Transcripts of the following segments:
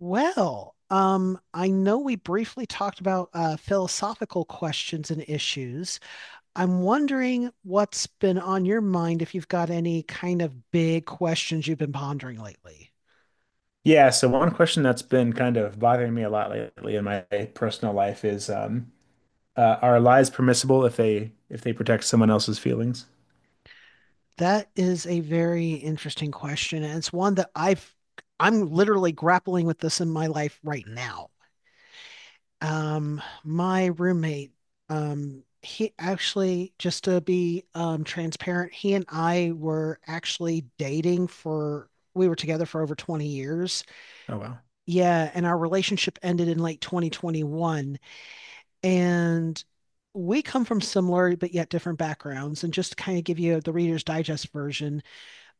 I know we briefly talked about philosophical questions and issues. I'm wondering what's been on your mind if you've got any kind of big questions you've been pondering lately. Yeah, so one question that's been kind of bothering me a lot lately in my personal life is are lies permissible if they protect someone else's feelings? That is a very interesting question, and it's one that I'm literally grappling with this in my life right now. My roommate, he actually, just to be transparent, he and I were actually dating for we were together for over 20 years. Oh wow. Yeah, and our relationship ended in late 2021. And we come from similar but yet different backgrounds. And just to kind of give you the Reader's Digest version,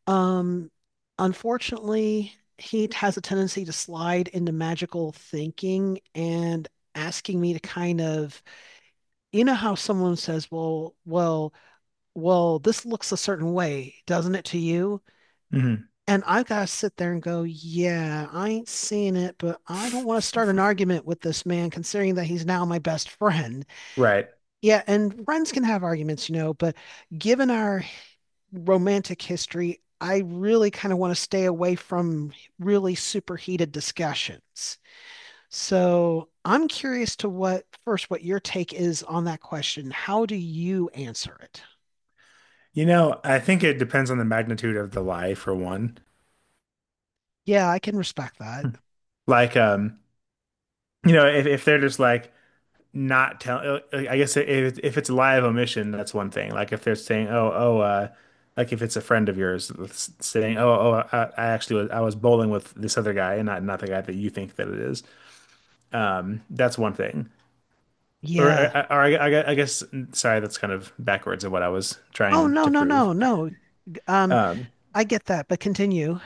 um, unfortunately, he has a tendency to slide into magical thinking and asking me to kind of you know how someone says, "Well, well, well, this looks a certain way, doesn't it to you?" Hmm. And I've got to sit there and go, "Yeah, I ain't seeing it, but I don't want to start an argument with this man, considering that he's now my best friend." Right. Yeah, and friends can have arguments, you know, but given our romantic history, I really kind of want to stay away from really superheated discussions. So I'm curious to what your take is on that question. How do you answer it? You know, I think it depends on the magnitude of the lie for one. Yeah, I can respect that. Like you know, if they're just like, not tell I guess if it's live omission, that's one thing. Like if they're saying, "Oh, oh, like if it's a friend of yours saying, "Oh, oh, I actually was bowling with this other guy and not the guy that you think that it is." That's one thing. Or, or, Yeah. or I guess sorry, that's kind of backwards of what I was Oh, trying no, to no, prove. no, no. Um, Um, I get that, but continue.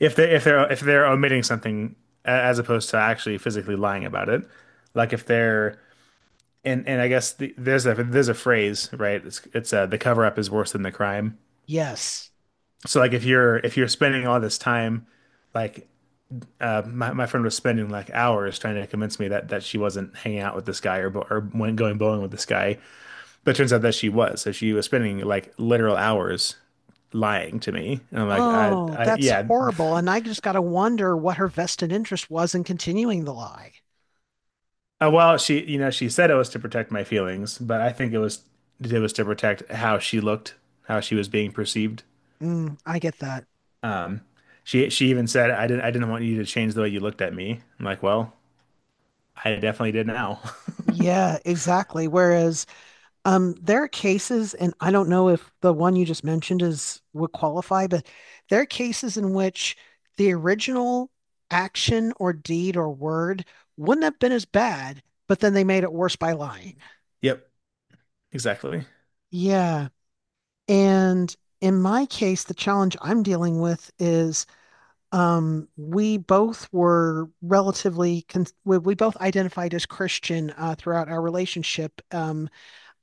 if they're omitting something as opposed to actually physically lying about it, like if they're and I guess there's a phrase, right? It's The cover up is worse than the crime. Yes. So like if you're spending all this time, like my my friend was spending like hours trying to convince me that she wasn't hanging out with this guy or bo- or went going bowling with this guy, but it turns out that she was. So she was spending like literal hours lying to me, and I'm like, Oh, I that's yeah, horrible. And I just got to wonder what her vested interest was in continuing the lie. Well she you know she said it was to protect my feelings, but I think it was to protect how she looked, how she was being perceived. Mm, I get that. Um, she even said, "I didn't want you to change the way you looked at me." I'm like, "Well, I definitely did now." Yeah, exactly. Whereas, there are cases, and I don't know if the one you just mentioned is would qualify, but there are cases in which the original action or deed or word wouldn't have been as bad, but then they made it worse by lying. Yep, exactly. Yeah. And in my case, the challenge I'm dealing with is we both were we both identified as Christian throughout our relationship.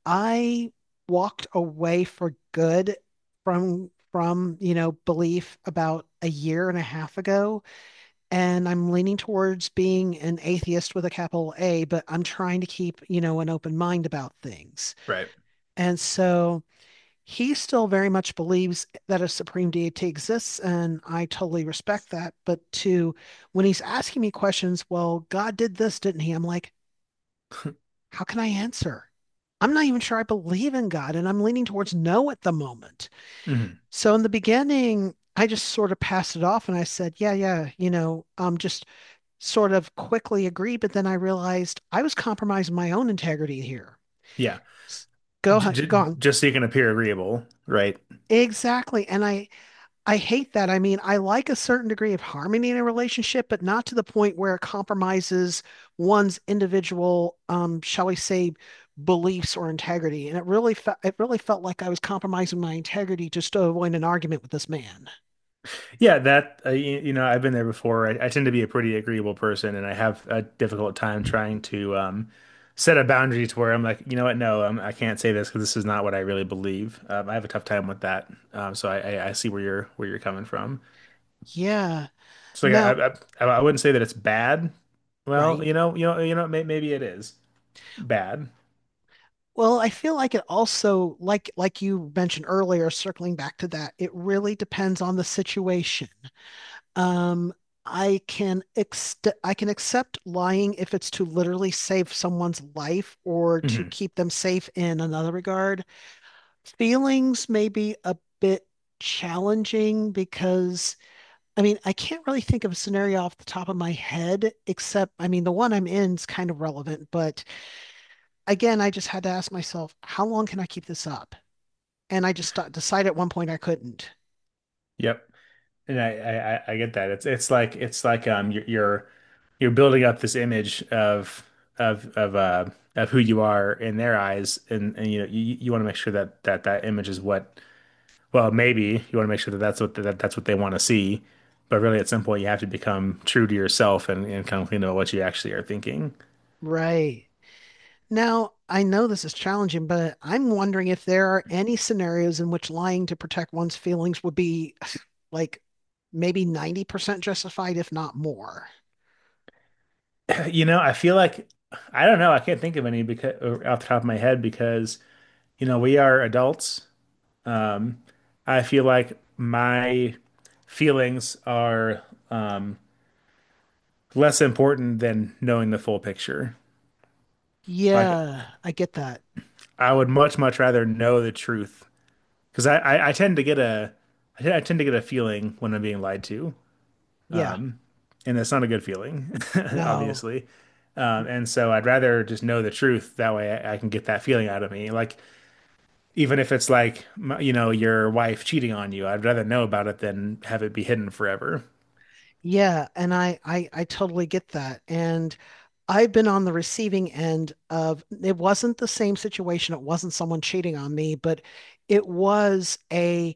I walked away for good you know, belief about a year and a half ago, and I'm leaning towards being an atheist with a capital A, but I'm trying to keep, you know, an open mind about things. Right. And so he still very much believes that a supreme deity exists, and I totally respect that. But to When he's asking me questions, well, God did this, didn't he? I'm like, how can I answer? I'm not even sure I believe in God, and I'm leaning towards no at the moment. Hmm. So in the beginning, I just sort of passed it off and I said, yeah, yeah, you know, just sort of quickly agree. But then I realized I was compromising my own integrity here. Yeah, J j- Go on. just so you can appear agreeable, right? Exactly. And I hate that. I mean, I like a certain degree of harmony in a relationship, but not to the point where it compromises one's individual, shall we say, beliefs or integrity. And it really felt like I was compromising my integrity just to avoid an argument with this man. Yeah, that you, you know, I've been there before. I tend to be a pretty agreeable person, and I have a difficult time trying to set a boundary to where I'm like, you know what, no, I can't say this because this is not what I really believe. I have a tough time with that. So I see where you're coming from. Yeah. So Now, yeah, I wouldn't say that it's bad. Well, right. Maybe it is bad. Well, I feel like it also, like you mentioned earlier, circling back to that, it really depends on the situation. Um, I can ex I can accept lying if it's to literally save someone's life or to Hmm. keep them safe in another regard. Feelings may be a bit challenging because I mean, I can't really think of a scenario off the top of my head, except I mean, the one I'm in is kind of relevant, but again, I just had to ask myself, how long can I keep this up? And I just decided at one point I couldn't. Yep. And I get that. It's like you're building up this image of of of uh of who you are in their eyes, and you know you want to make sure that that image is what well maybe you want to make sure that that's what they want to see, but really at some point you have to become true to yourself and kind of clean up what you actually are thinking. Right. Now, I know this is challenging, but I'm wondering if there are any scenarios in which lying to protect one's feelings would be like maybe 90% justified, if not more. You know, I feel like I don't know. I can't think of any because off the top of my head because you know we are adults. I feel like my feelings are less important than knowing the full picture. Like Yeah, I get that. I would much rather know the truth because I tend to get a I tend to get a feeling when I'm being lied to, Yeah. and that's not a good feeling, No. obviously. And so I'd rather just know the truth. That way I can get that feeling out of me. Like even if it's like, you know, your wife cheating on you, I'd rather know about it than have it be hidden forever. Yeah, and I totally get that. And I've been on the receiving end of it wasn't the same situation. It wasn't someone cheating on me, but it was a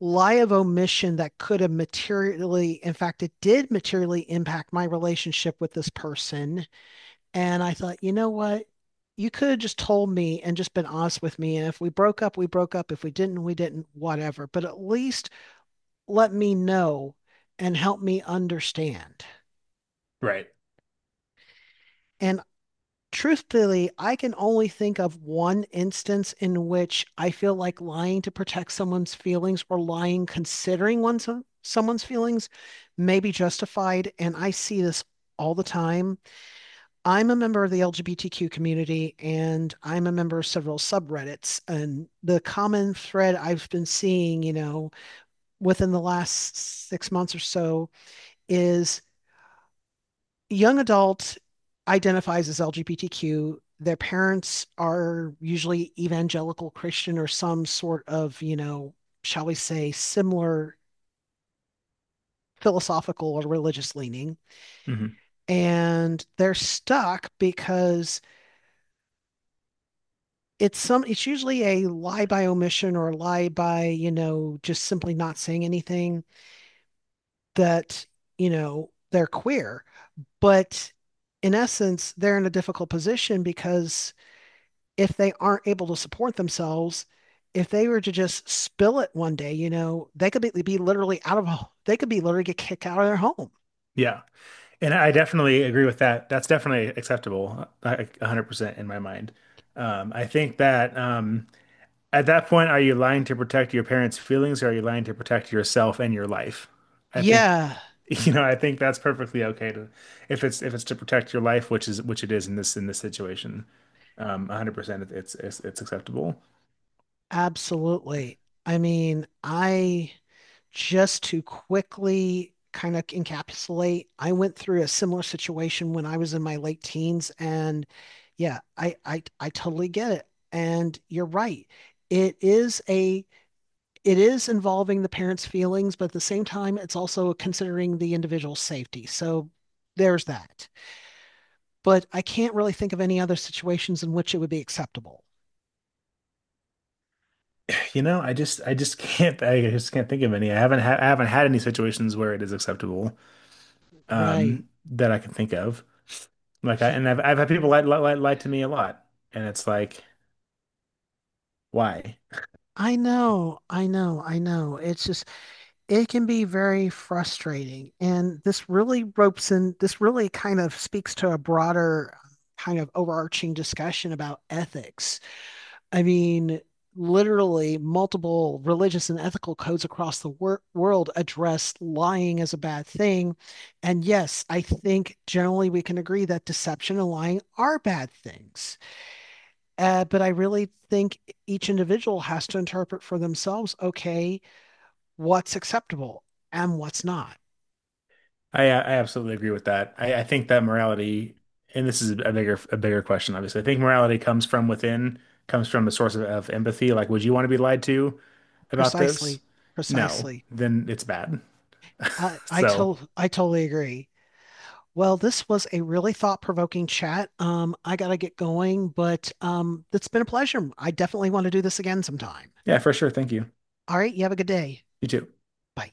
lie of omission that could have materially, in fact, it did materially impact my relationship with this person. And I thought, you know what? You could have just told me and just been honest with me. And if we broke up, we broke up. If we didn't, we didn't, whatever. But at least let me know and help me understand. Right. And truthfully, I can only think of one instance in which I feel like lying to protect someone's feelings or lying considering one's someone's feelings may be justified. And I see this all the time. I'm a member of the LGBTQ community and I'm a member of several subreddits. And the common thread I've been seeing, you know, within the last 6 months or so is young adult identifies as LGBTQ. Their parents are usually evangelical Christian or some sort of, you know, shall we say, similar philosophical or religious leaning. Hmm. And they're stuck because it's usually a lie by omission or a lie by, you know, just simply not saying anything that, you know, they're queer. But in essence, they're in a difficult position because if they aren't able to support themselves, if they were to just spill it one day, you know, they could be literally get kicked out of their home. Yeah. And I definitely agree with that. That's definitely acceptable, I- 100% in my mind. I think that at that point, are you lying to protect your parents' feelings or are you lying to protect yourself and your life? I think, Yeah, you know, I think that's perfectly okay to, if it's to protect your life, which is which it is in this situation. 100%, it's acceptable. absolutely. I mean, I just to quickly kind of encapsulate, I went through a similar situation when I was in my late teens, and yeah, I totally get it. And you're right. It is a it is involving the parents' feelings, but at the same time, it's also considering the individual's safety. So there's that. But I can't really think of any other situations in which it would be acceptable. You know, I just can't I just can't think of any. I haven't had any situations where it is acceptable Right. That I can think of. Like I Ye- and I've had people lie to me a lot and it's like why? I know, I know, I know. It's just, it can be very frustrating. And this really kind of speaks to a broader kind of overarching discussion about ethics. I mean, literally, multiple religious and ethical codes across the world address lying as a bad thing. And yes, I think generally we can agree that deception and lying are bad things. But I really think each individual has to interpret for themselves, okay, what's acceptable and what's not. I absolutely agree with that. I think that morality and this is a bigger question obviously. I think morality comes from within, comes from a source of empathy. Like would you want to be lied to about this? Precisely, No, precisely. then it's bad. So, I totally agree. Well, this was a really thought-provoking chat. I gotta get going, but it's been a pleasure. I definitely want to do this again sometime. yeah, for sure. Thank you. All right, you have a good day. You too. Bye.